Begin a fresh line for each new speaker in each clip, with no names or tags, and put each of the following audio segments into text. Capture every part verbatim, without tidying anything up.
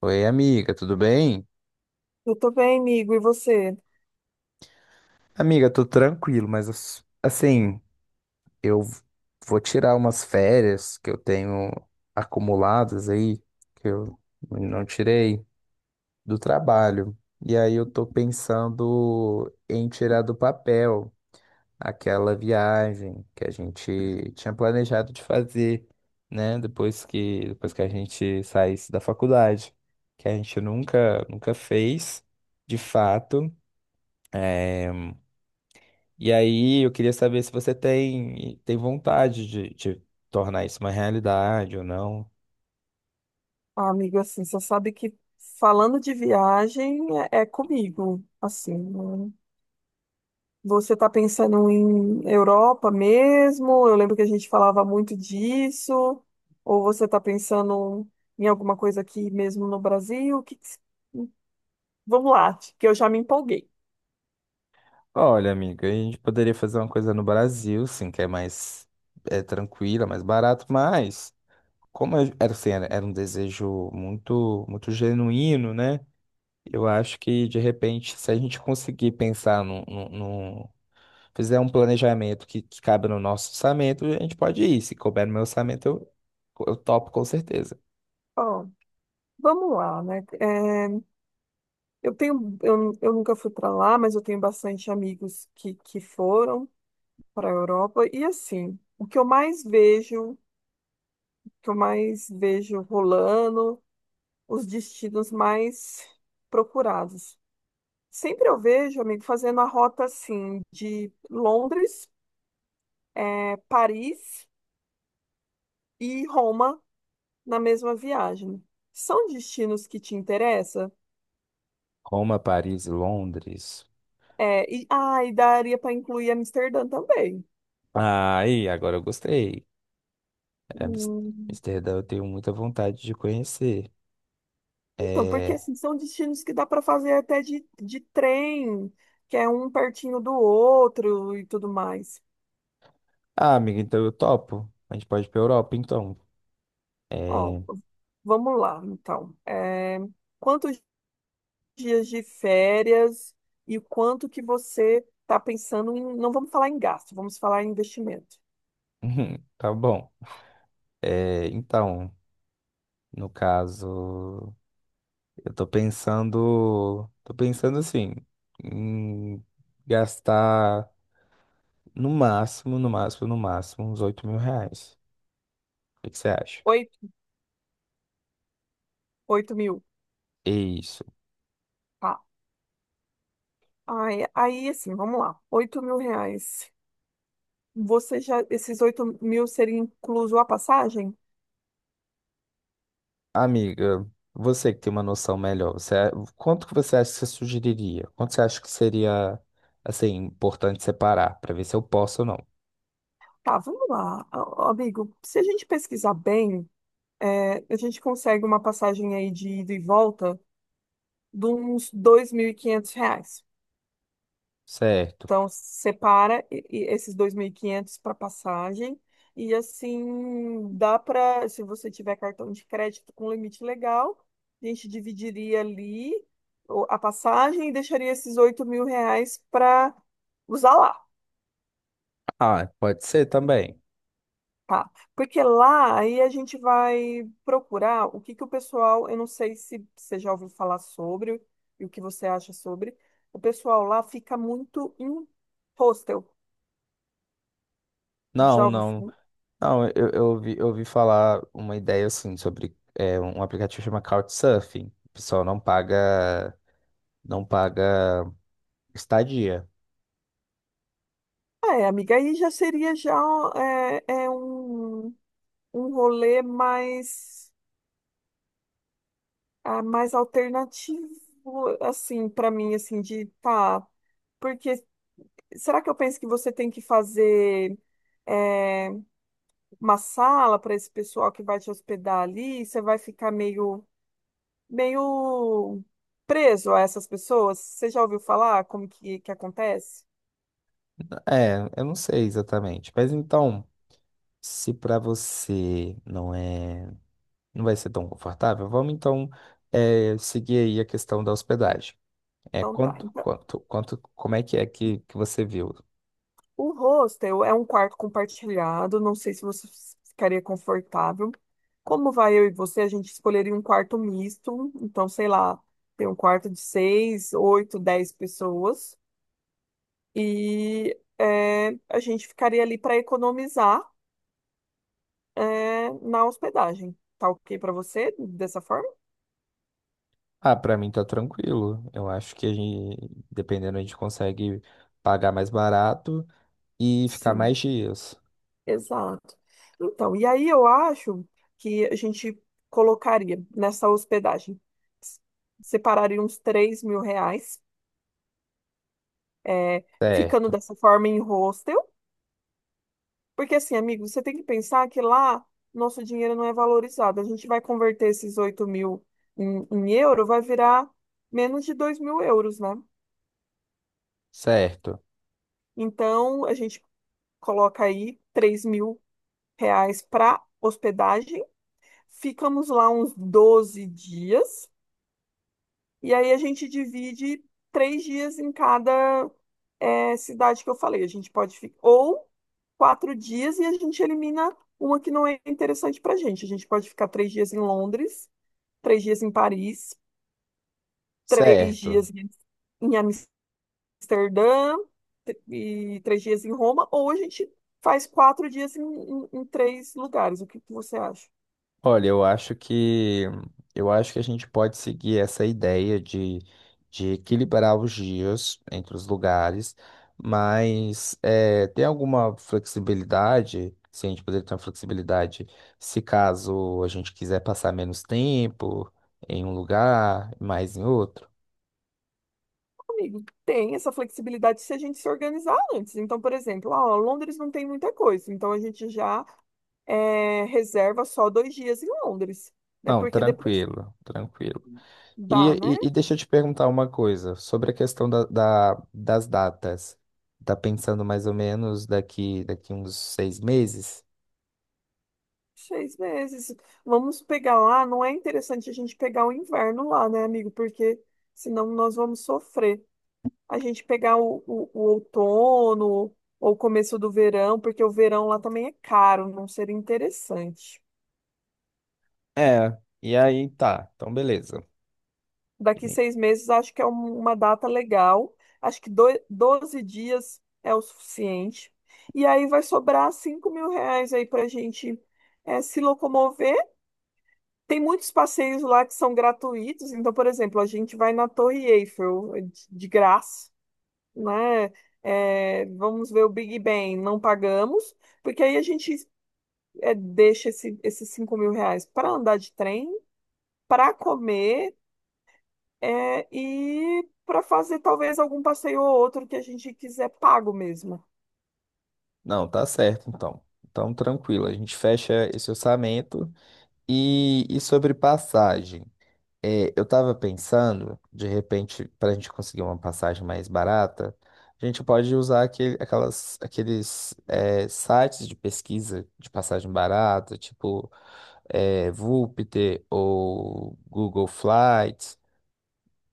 Oi, amiga, tudo bem?
Eu tô bem, amigo. E você?
Amiga, tô tranquilo, mas ass- assim, eu vou tirar umas férias que eu tenho acumuladas aí, que eu não tirei do trabalho. E aí eu tô pensando em tirar do papel aquela viagem que a gente tinha planejado de fazer, né? Depois que, depois que a gente saísse da faculdade, que a gente nunca, nunca fez, de fato. eh, E aí eu queria saber se você tem, tem vontade de, de tornar isso uma realidade ou não.
Ah, amigo, assim, você sabe que falando de viagem é, é comigo, assim, né? Você tá pensando em Europa mesmo? Eu lembro que a gente falava muito disso. Ou você tá pensando em alguma coisa aqui mesmo no Brasil? Que que se- Vamos lá, que eu já me empolguei.
Olha, amiga, a gente poderia fazer uma coisa no Brasil, sim, que é mais é, tranquila, mais barato, mas como eu- era, assim, era, era um desejo muito, muito genuíno, né? Eu acho que, de repente, se a gente conseguir pensar num, num, num- fizer um planejamento que, que cabe no nosso orçamento, a gente pode ir. Se couber no meu orçamento, eu, eu topo com certeza.
Ó, vamos lá, né? É, eu tenho, eu, eu nunca fui para lá, mas eu tenho bastante amigos que, que foram para a Europa. E assim, o que eu mais vejo, o que eu mais vejo rolando, os destinos mais procurados. Sempre eu vejo, amigo, fazendo a rota assim de Londres, eh, Paris e Roma na mesma viagem. São destinos que te interessam?
Roma, Paris, Londres.
É, e, ah, e daria para incluir Amsterdã também.
Aí, agora eu gostei. Amis-
Hum.
Amsterdã eu tenho muita vontade de conhecer.
Então, porque
É...
assim, são destinos que dá para fazer até de, de trem, que é um pertinho do outro e tudo mais.
Ah, amiga, então eu topo. A gente pode ir pra Europa, então.
Ó,
É...
vamos lá, então. É, quantos dias de férias e o quanto que você está pensando em. Não vamos falar em gasto, vamos falar em investimento.
Tá bom. É, então, no caso, eu tô pensando. Tô pensando assim, em gastar no máximo, no máximo, no máximo, uns oito mil reais. O que que você acha?
Oito, oito mil.
É isso.
Tá. Aí, aí, assim, vamos lá. Oito mil reais. Você já. Esses oito mil seria incluso a passagem?
Amiga, você que tem uma noção melhor, você, quanto que você acha que você sugeriria? Quanto você acha que seria, assim, importante separar para ver se eu posso ou não?
Tá, vamos lá, a- amigo. Se a gente pesquisar bem. É, a gente consegue uma passagem aí de ida e volta de uns dois mil e quinhentos reais.
Certo.
Então, separa e- e esses dois mil e quinhentos para passagem e assim dá para, se você tiver cartão de crédito com limite legal, a gente dividiria ali o- a passagem e deixaria esses oito mil reais para usar lá.
Ah, pode ser também.
Tá, porque lá aí a gente vai procurar o que que o pessoal, eu não sei se você já ouviu falar sobre e o que você acha sobre. O pessoal lá fica muito em hostel. Já
Não,
ouviu?
não.
fa-
Não, eu, eu ouvi, eu ouvi falar uma ideia, assim, sobre é, um aplicativo que chama Couchsurfing. O pessoal não paga, não paga estadia.
Ah, é, amiga, aí já seria já é, é um, um rolê mais ah, mais alternativo assim para mim assim de tá, porque será que eu penso que você tem que fazer é, uma sala para esse pessoal que vai te hospedar ali, você vai ficar meio, meio preso a essas pessoas. Você já ouviu falar como que, que acontece?
É, eu não sei exatamente. Mas então, se para você não é. Não vai ser tão confortável? Vamos então eh, seguir aí a questão da hospedagem. É
Então tá.
quanto,
Então,
quanto, quanto, como é que é que, que, você viu?
o hostel é um quarto compartilhado, não sei se você ficaria confortável. Como vai eu e você, a gente escolheria um quarto misto, então sei lá, tem um quarto de seis, oito, dez pessoas. E é, a gente ficaria ali para economizar é, na hospedagem. Tá ok para você dessa forma?
Ah, para mim tá tranquilo. Eu acho que a gente, dependendo, a gente consegue pagar mais barato e ficar
Sim,
mais dias.
exato. Então, e aí eu acho que a gente colocaria nessa hospedagem, s- separaria uns três mil reais, é, ficando
Certo,
dessa forma em hostel, porque assim, amigo, você tem que pensar que lá nosso dinheiro não é valorizado. A gente vai converter esses oito mil em, em euro, vai virar menos de dois mil euros, né?
certo,
Então, a gente coloca aí três mil reais para hospedagem. Ficamos lá uns doze dias e aí a gente divide três dias em cada eh, cidade que eu falei. A gente pode ficar ou quatro dias e a gente elimina uma que não é interessante para a gente. A gente pode ficar três dias em Londres, três dias em Paris, três
certo.
dias em em Amsterdã tr- e três dias em Roma, ou a gente faz quatro dias em, em- em três lugares. O que que você acha?
Olha, eu acho que eu acho que a gente pode seguir essa ideia de, de equilibrar os dias entre os lugares, mas eh, tem alguma flexibilidade, se a gente poderia ter uma flexibilidade, se caso a gente quiser passar menos tempo em um lugar, mais em outro?
Amigo, tem essa flexibilidade se a gente se organizar antes. Então, por exemplo, ah, ó, Londres não tem muita coisa, então a gente já eh, reserva só dois dias em Londres, né?
Não,
Porque depois
tranquilo, tranquilo. E,
dá, né?
e, e deixa eu te perguntar uma coisa sobre a questão da, da- das datas. Tá pensando mais ou menos daqui, daqui uns seis meses?
Seis meses. Vamos pegar lá, não é interessante a gente pegar o inverno lá, né, amigo? Porque senão nós vamos sofrer. A gente pegar o, o, o outono ou o começo do verão, porque o verão lá também é caro, não seria interessante.
É, e aí tá, então beleza.
Daqui
E-
seis meses, acho que é um- uma data legal. Acho que doi- doze dias é o suficiente. E aí vai sobrar cinco mil reais aí para a gente eh, se locomover. Tem muitos passeios lá que são gratuitos. Então, por exemplo, a gente vai na Torre Eiffel eh, de de graça, né? Eh, vamos ver o Big Ben, não pagamos, porque aí a gente eh, deixa esse, esses cinco mil reais para andar de trem, para comer É, e para fazer talvez algum passeio ou outro que a gente quiser pago mesmo.
Não, tá certo então. Então tranquilo, a gente fecha esse orçamento. E, e sobre passagem? É, eu tava pensando, de repente, para a gente conseguir uma passagem mais barata, a gente pode usar aquele, aquelas, aqueles é, sites de pesquisa de passagem barata, tipo é, Voopter ou Google Flights,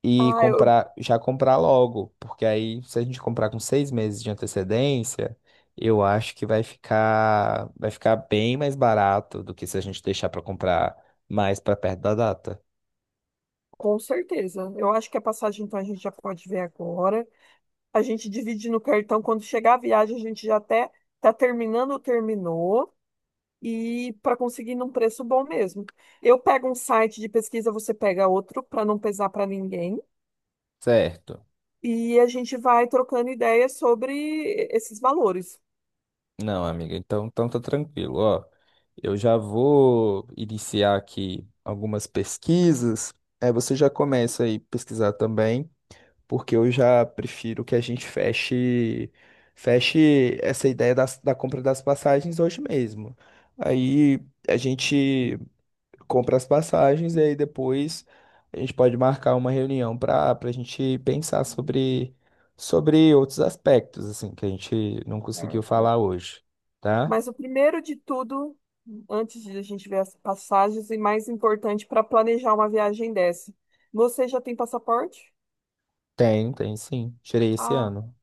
e
Ah, eu,
comprar, já comprar logo, porque aí, se a gente comprar com seis meses de antecedência, eu acho que vai ficar, vai ficar bem mais barato do que se a gente deixar para comprar mais para perto da data,
com certeza. Eu acho que a passagem então a gente já pode ver agora. A gente divide no cartão. Quando chegar a viagem, a gente já até tá terminando ou terminou. E para conseguir num preço bom mesmo. Eu pego um site de pesquisa, você pega outro para não pesar para ninguém.
certo?
E a gente vai trocando ideias sobre esses valores.
Não, amiga, então, então, tá tranquilo. Ó, eu já vou iniciar aqui algumas pesquisas. É, você já começa aí pesquisar também, porque eu já prefiro que a gente feche feche essa ideia das- da compra das passagens hoje mesmo. Aí a gente compra as passagens e aí depois a gente pode marcar uma reunião para para a gente pensar sobre, sobre outros aspectos, assim, que a gente não conseguiu falar hoje, tá?
Mas o primeiro de tudo, antes de a gente ver as passagens, e mais importante para planejar uma viagem dessa. Você já tem passaporte?
Tem, tem sim. Tirei esse
Ah,
ano.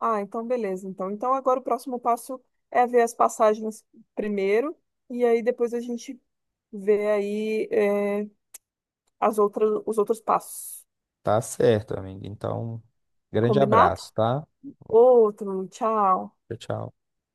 ah, então beleza. Então, então agora o próximo passo é ver as passagens primeiro, e aí depois a gente vê aí eh, as outras, os outros passos.
Tá certo, amigo. Então, grande
Combinado?
abraço, tá?
Outro, tchau.
Tchau, tchau.